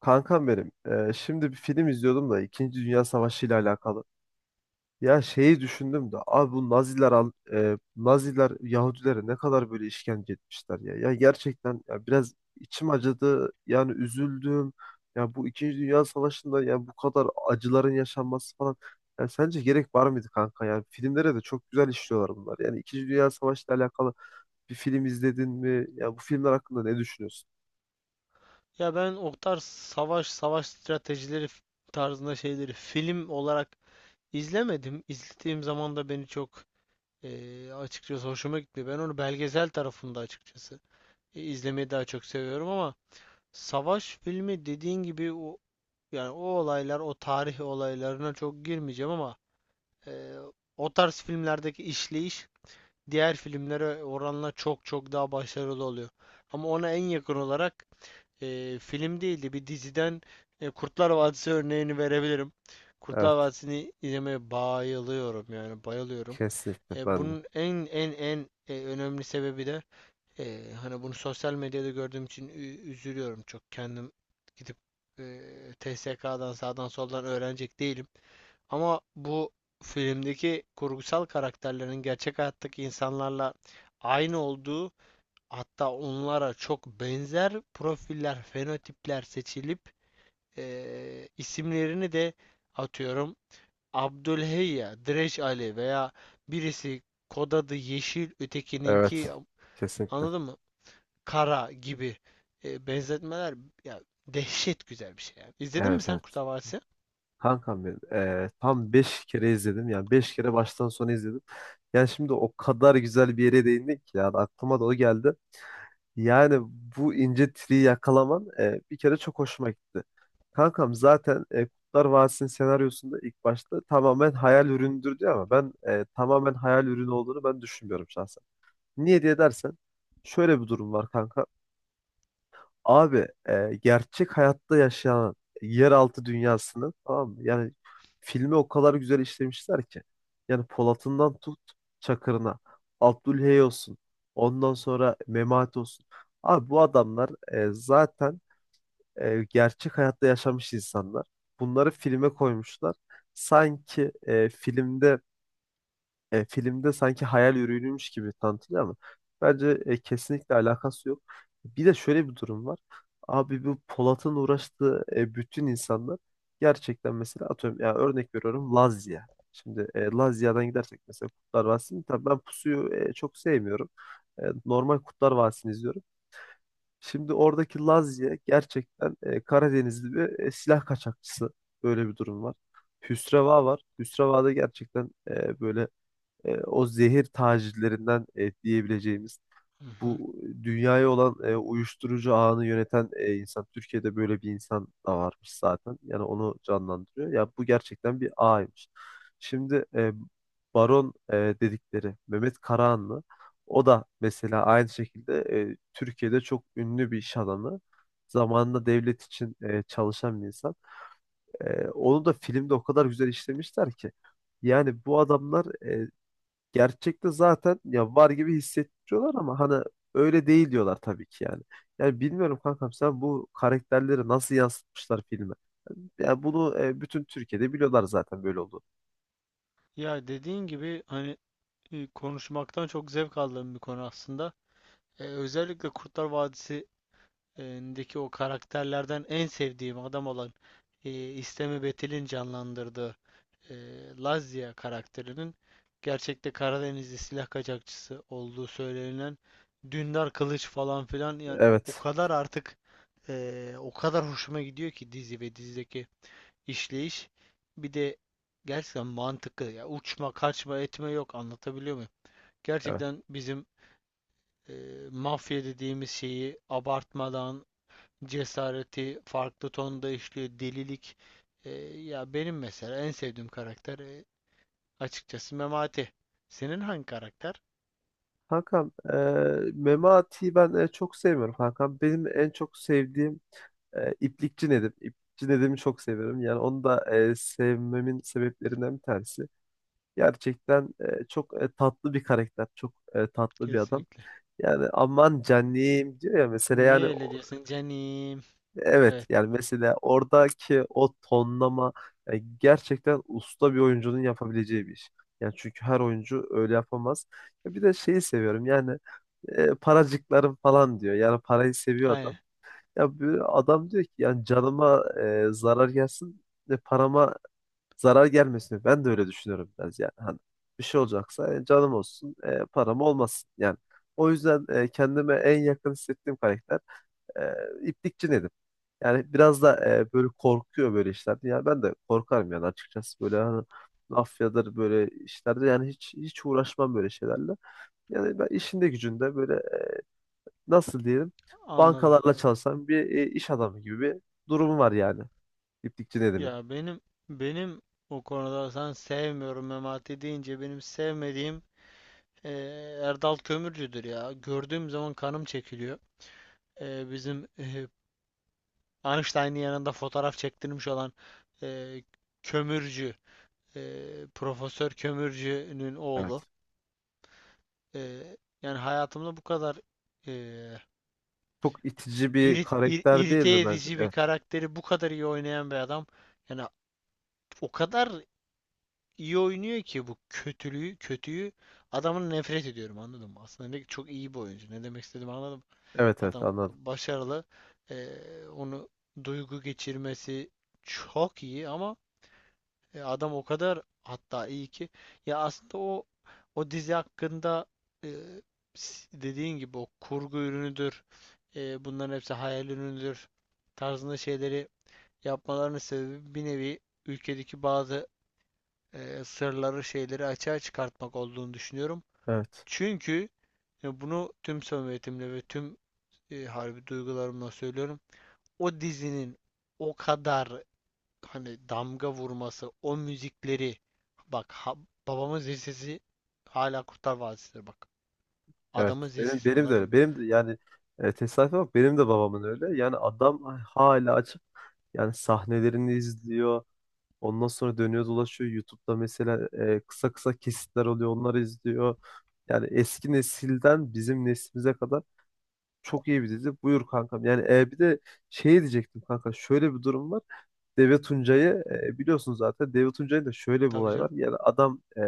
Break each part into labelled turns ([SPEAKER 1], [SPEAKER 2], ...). [SPEAKER 1] Kankam benim, şimdi bir film izliyordum da İkinci Dünya Savaşı ile alakalı. Ya şeyi düşündüm de abi bu Naziler Naziler Yahudilere ne kadar böyle işkence etmişler ya. Ya gerçekten ya biraz içim acıdı. Yani üzüldüm. Ya bu İkinci Dünya Savaşı'nda ya bu kadar acıların yaşanması falan. Ya sence gerek var mıydı kanka? Yani filmlere de çok güzel işliyorlar bunlar. Yani İkinci Dünya Savaşı ile alakalı bir film izledin mi? Ya bu filmler hakkında ne düşünüyorsun?
[SPEAKER 2] Ya ben o tarz savaş, stratejileri tarzında şeyleri film olarak izlemedim. İzlediğim zaman da beni çok açıkçası hoşuma gitmiyor. Ben onu belgesel tarafında açıkçası izlemeyi daha çok seviyorum ama savaş filmi dediğin gibi o yani o olaylar, o tarih olaylarına çok girmeyeceğim ama eee, o tarz filmlerdeki işleyiş diğer filmlere oranla çok çok daha başarılı oluyor. Ama ona en yakın olarak film değildi, bir diziden Kurtlar Vadisi örneğini verebilirim. Kurtlar
[SPEAKER 1] Evet,
[SPEAKER 2] Vadisi'ni izlemeye bayılıyorum, yani bayılıyorum.
[SPEAKER 1] kesinlikle
[SPEAKER 2] E,
[SPEAKER 1] ben de.
[SPEAKER 2] bunun en en en e, önemli sebebi de hani bunu sosyal medyada gördüğüm için üzülüyorum, çok kendim gidip e, TSK'dan sağdan soldan öğrenecek değilim. Ama bu filmdeki kurgusal karakterlerin gerçek hayattaki insanlarla aynı olduğu, hatta onlara çok benzer profiller, fenotipler seçilip isimlerini de atıyorum Abdülheyya, Direç Ali veya birisi kod adı yeşil,
[SPEAKER 1] Evet.
[SPEAKER 2] ötekininki,
[SPEAKER 1] Kesinlikle.
[SPEAKER 2] anladın mı? Kara gibi benzetmeler, ya dehşet güzel bir şey yani. İzledin mi
[SPEAKER 1] Evet,
[SPEAKER 2] sen
[SPEAKER 1] evet.
[SPEAKER 2] Kurtlar Vadisi?
[SPEAKER 1] Kankam benim. Tam 5 kere izledim. Yani 5 kere baştan sona izledim. Yani şimdi o kadar güzel bir yere değindik ki. Yani aklıma da o geldi. Yani bu ince triyi yakalaman bir kere çok hoşuma gitti. Kankam zaten Kurtlar Vadisi'nin senaryosunda ilk başta tamamen hayal ürünüdür diyor ama ben tamamen hayal ürünü olduğunu ben düşünmüyorum şahsen. Niye diye dersen şöyle bir durum var kanka. Abi gerçek hayatta yaşayan yeraltı dünyasını, tamam mı? Yani filmi o kadar güzel işlemişler ki. Yani Polat'ından tut Çakır'ına, Abdülhey olsun, ondan sonra Memati olsun. Abi bu adamlar zaten gerçek hayatta yaşamış insanlar. Bunları filme koymuşlar. Sanki filmde sanki hayal ürünüymüş gibi tanıtılıyor ama bence kesinlikle alakası yok. Bir de şöyle bir durum var. Abi bu Polat'ın uğraştığı bütün insanlar gerçekten, mesela atıyorum, ya örnek veriyorum, Lazya. Şimdi Lazya'dan gidersek mesela Kurtlar Vadisi'ni, tabii ben Pusu'yu çok sevmiyorum. Normal Kurtlar Vadisi'ni izliyorum. Şimdi oradaki Lazya gerçekten Karadenizli bir silah kaçakçısı. Böyle bir durum var. Hüsreva var. Hüsreva da gerçekten böyle o zehir tacirlerinden diyebileceğimiz
[SPEAKER 2] Hı hı.
[SPEAKER 1] bu dünyaya olan uyuşturucu ağını yöneten insan, Türkiye'de böyle bir insan da varmış zaten. Yani onu canlandırıyor. Ya bu gerçekten bir ağymış. Şimdi Baron dedikleri Mehmet Karahanlı, o da mesela aynı şekilde Türkiye'de çok ünlü bir iş adamı. Zamanında devlet için çalışan bir insan. Onu da filmde o kadar güzel işlemişler ki. Yani bu adamlar, gerçekte zaten ya var gibi hissettiriyorlar ama hani öyle değil diyorlar tabii ki, yani. Yani bilmiyorum kankam, sen bu karakterleri nasıl yansıtmışlar filme. Yani bunu bütün Türkiye'de biliyorlar zaten, böyle oldu.
[SPEAKER 2] Ya dediğin gibi hani konuşmaktan çok zevk aldığım bir konu aslında. Özellikle Kurtlar Vadisi deki o karakterlerden en sevdiğim adam olan İstemi Betil'in canlandırdığı e, Lazia karakterinin gerçekte Karadenizli silah kaçakçısı olduğu söylenilen Dündar Kılıç falan filan, yani o
[SPEAKER 1] Evet.
[SPEAKER 2] kadar artık o kadar hoşuma gidiyor ki dizi ve dizideki işleyiş. Bir de gerçekten mantıklı, ya uçma kaçma etme yok, anlatabiliyor muyum?
[SPEAKER 1] Evet.
[SPEAKER 2] Gerçekten bizim e, mafya dediğimiz şeyi abartmadan cesareti farklı tonda işliyor. Delilik. E, Ya benim mesela en sevdiğim karakter açıkçası Memati. Senin hangi karakter?
[SPEAKER 1] Kankam, Memati'yi ben çok sevmiyorum kankam. Benim en çok sevdiğim İplikçi Nedim. İplikçi Nedim'i çok severim. Yani onu da sevmemin sebeplerinden bir tanesi. Gerçekten çok tatlı bir karakter. Çok tatlı bir adam.
[SPEAKER 2] Kesinlikle.
[SPEAKER 1] Yani "aman canım" diyor ya mesela,
[SPEAKER 2] Niye
[SPEAKER 1] yani
[SPEAKER 2] öyle diyorsun canim?
[SPEAKER 1] evet,
[SPEAKER 2] Evet.
[SPEAKER 1] yani mesela oradaki o tonlama yani gerçekten usta bir oyuncunun yapabileceği bir iş. Yani çünkü her oyuncu öyle yapamaz. Ya bir de şeyi seviyorum yani, "paracıklarım" falan diyor. Yani parayı seviyor
[SPEAKER 2] Aynen.
[SPEAKER 1] adam. Ya böyle adam diyor ki, yani canıma zarar gelsin ve parama zarar gelmesin. Ben de öyle düşünüyorum biraz yani. Hani bir şey olacaksa canım olsun, param olmasın yani. O yüzden kendime en yakın hissettiğim karakter e, İplikçi Nedim. Yani biraz da böyle korkuyor böyle işlerde. Yani ben de korkarım yani, açıkçası böyle, hani mafyadır böyle işlerde, yani hiç hiç uğraşmam böyle şeylerle. Yani ben işinde gücünde böyle, nasıl diyelim,
[SPEAKER 2] Anladım.
[SPEAKER 1] bankalarla çalışan bir iş adamı gibi bir durumu var yani, İplikçi Nedim'in.
[SPEAKER 2] Ya benim, benim o konuda sen sevmiyorum Memati deyince benim sevmediğim e, Erdal Kömürcü'dür ya. Gördüğüm zaman kanım çekiliyor. Bizim Einstein'ın yanında fotoğraf çektirmiş olan e, kömürcü, Profesör Kömürcü'nün oğlu. E, Yani hayatımda bu kadar e,
[SPEAKER 1] Çok itici bir karakter değil
[SPEAKER 2] irite
[SPEAKER 1] mi bence?
[SPEAKER 2] edici bir
[SPEAKER 1] Evet.
[SPEAKER 2] karakteri bu kadar iyi oynayan bir adam. Yani o kadar iyi oynuyor ki bu kötülüğü, kötüyü, adamın nefret ediyorum, anladın mı? Aslında ne, çok iyi bir oyuncu. Ne demek istediğimi anladım.
[SPEAKER 1] Evet, evet,
[SPEAKER 2] Adam
[SPEAKER 1] anladım.
[SPEAKER 2] başarılı. E, Onu duygu geçirmesi çok iyi ama adam o kadar hatta iyi ki ya aslında o dizi hakkında e, dediğin gibi o kurgu ürünüdür, bunların hepsi hayal ürünüdür tarzında şeyleri yapmalarının sebebi bir nevi ülkedeki bazı sırları şeyleri açığa çıkartmak olduğunu düşünüyorum.
[SPEAKER 1] Evet.
[SPEAKER 2] Çünkü bunu tüm samimiyetimle ve tüm harbi duygularımla söylüyorum. O dizinin o kadar hani damga vurması, o müzikleri, bak ha- babamın zil sesi hala Kurtlar Vadisi'dir bak.
[SPEAKER 1] Evet.
[SPEAKER 2] Adamın zil
[SPEAKER 1] Benim
[SPEAKER 2] sesi,
[SPEAKER 1] benim de
[SPEAKER 2] anladım.
[SPEAKER 1] öyle. Benim de yani, tesadüfe bak, benim de babamın öyle. Yani adam hala açıp yani sahnelerini izliyor. Ondan sonra dönüyor dolaşıyor. YouTube'da mesela kısa kısa kesitler oluyor. Onları izliyor. Yani eski nesilden bizim neslimize kadar çok iyi bir dizi. Buyur kankam. Yani bir de şey diyecektim kanka. Şöyle bir durum var. Deve Tuncay'ı biliyorsun zaten. Deve Tuncay'ın da şöyle bir
[SPEAKER 2] Tabii
[SPEAKER 1] olay
[SPEAKER 2] canım.
[SPEAKER 1] var. Yani adam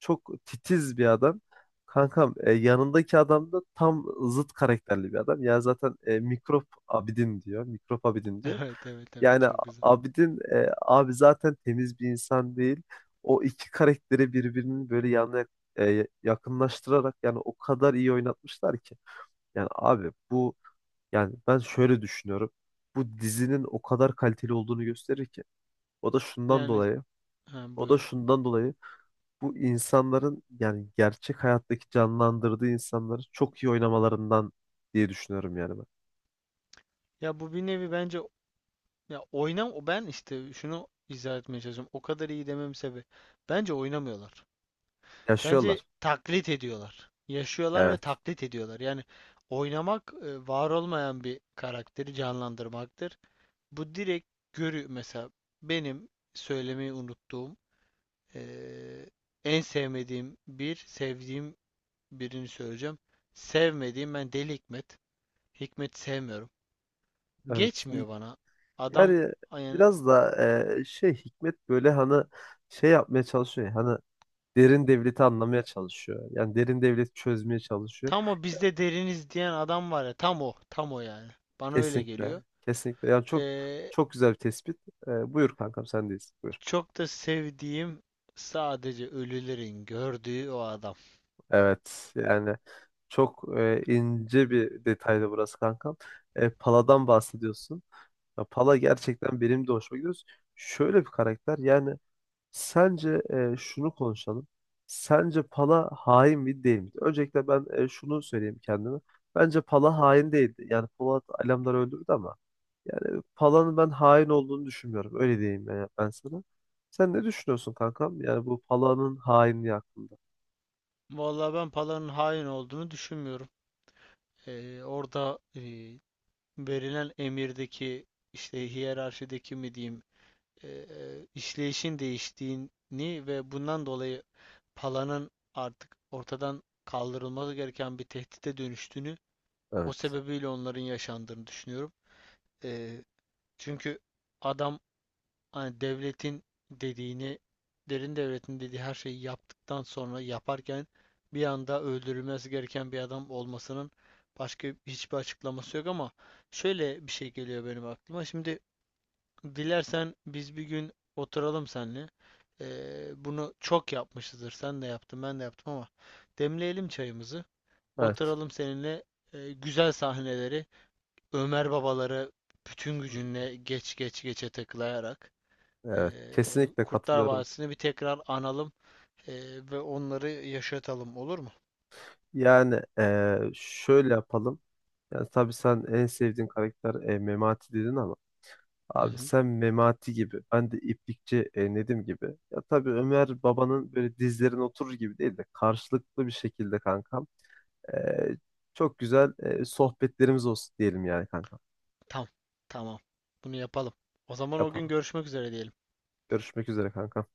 [SPEAKER 1] çok titiz bir adam. Kankam, yanındaki adam da tam zıt karakterli bir adam. Yani zaten Mikrop Abidin diyor. Mikrop Abidin diyor.
[SPEAKER 2] Evet, evet, evet,
[SPEAKER 1] Yani
[SPEAKER 2] çok güzel.
[SPEAKER 1] Abidin, abi zaten temiz bir insan değil. O iki karakteri birbirinin böyle yanına yakınlaştırarak yani o kadar iyi oynatmışlar ki. Yani abi bu, yani ben şöyle düşünüyorum. Bu dizinin o kadar kaliteli olduğunu gösterir ki. O da şundan
[SPEAKER 2] Yani
[SPEAKER 1] dolayı.
[SPEAKER 2] ha,
[SPEAKER 1] O da
[SPEAKER 2] buyur.
[SPEAKER 1] şundan dolayı. Bu insanların, yani gerçek hayattaki canlandırdığı insanları çok iyi oynamalarından diye düşünüyorum yani ben.
[SPEAKER 2] Ya bu bir nevi bence ya oynam o ben işte şunu izah etmeye çalışıyorum. O kadar iyi dememin sebebi bence oynamıyorlar. Bence
[SPEAKER 1] Yaşıyorlar.
[SPEAKER 2] taklit ediyorlar. Yaşıyorlar ve
[SPEAKER 1] Evet.
[SPEAKER 2] taklit ediyorlar. Yani oynamak var olmayan bir karakteri canlandırmaktır. Bu direkt görü mesela benim söylemeyi unuttuğum eee, en sevmediğim, bir sevdiğim birini söyleyeceğim. Sevmediğim ben Deli Hikmet. Hikmet sevmiyorum.
[SPEAKER 1] Evet.
[SPEAKER 2] Geçmiyor bana. Adam
[SPEAKER 1] Yani
[SPEAKER 2] yani
[SPEAKER 1] biraz da şey, Hikmet böyle hani şey yapmaya çalışıyor. Ya, hani derin devleti anlamaya çalışıyor. Yani derin devleti çözmeye çalışıyor.
[SPEAKER 2] tam o bizde deriniz diyen adam var ya, tam o, tam o yani. Bana öyle geliyor.
[SPEAKER 1] Kesinlikle. Kesinlikle. Yani çok
[SPEAKER 2] Eee,
[SPEAKER 1] çok güzel bir tespit. Buyur kankam, sendeyiz. Buyur.
[SPEAKER 2] Çok da sevdiğim, sadece ölülerin gördüğü o adam.
[SPEAKER 1] Evet. Yani çok ince bir detaydı burası kankam. Pala'dan bahsediyorsun. Ya, Pala gerçekten benim de hoşuma gidiyor. Şöyle bir karakter. Yani sence şunu konuşalım. Sence Pala hain mi değil mi? Öncelikle ben şunu söyleyeyim kendime. Bence Pala hain değildi. Yani Polat Alemdar'ı öldürdü ama yani Pala'nın ben hain olduğunu düşünmüyorum. Öyle diyeyim ben, sana. Sen ne düşünüyorsun kankam? Yani bu Pala'nın hainliği hakkında.
[SPEAKER 2] Vallahi ben Pala'nın hain olduğunu düşünmüyorum. Orada verilen emirdeki işte hiyerarşideki mi diyeyim, işleyişin değiştiğini ve bundan dolayı Pala'nın artık ortadan kaldırılması gereken bir tehdite dönüştüğünü, o
[SPEAKER 1] Evet.
[SPEAKER 2] sebebiyle onların yaşandığını düşünüyorum. E, Çünkü adam hani devletin dediğini, derin devletin dediği her şeyi yaptıktan sonra yaparken bir anda öldürülmesi gereken bir adam olmasının başka hiçbir açıklaması yok ama şöyle bir şey geliyor benim aklıma. Şimdi dilersen biz bir gün oturalım seninle. Bunu çok yapmışızdır. Sen de yaptın, ben de yaptım ama demleyelim çayımızı.
[SPEAKER 1] Evet.
[SPEAKER 2] Oturalım seninle güzel sahneleri, Ömer babaları bütün gücünle geçe takılayarak e,
[SPEAKER 1] Evet. Kesinlikle
[SPEAKER 2] Kurtlar
[SPEAKER 1] katılıyorum.
[SPEAKER 2] Vadisi'ni bir tekrar analım, e, ve onları yaşatalım, olur mu?
[SPEAKER 1] Yani şöyle yapalım. Yani tabii sen en sevdiğin karakter Memati dedin ama
[SPEAKER 2] Hı
[SPEAKER 1] abi,
[SPEAKER 2] hı.
[SPEAKER 1] sen Memati gibi, ben de İplikçi Nedim gibi. Ya tabii Ömer babanın böyle dizlerine oturur gibi değil de karşılıklı bir şekilde kankam. eee, çok güzel sohbetlerimiz olsun diyelim yani kankam.
[SPEAKER 2] Tamam. Tamam. Bunu yapalım. O zaman o gün
[SPEAKER 1] Yapalım.
[SPEAKER 2] görüşmek üzere diyelim.
[SPEAKER 1] Görüşmek üzere kanka.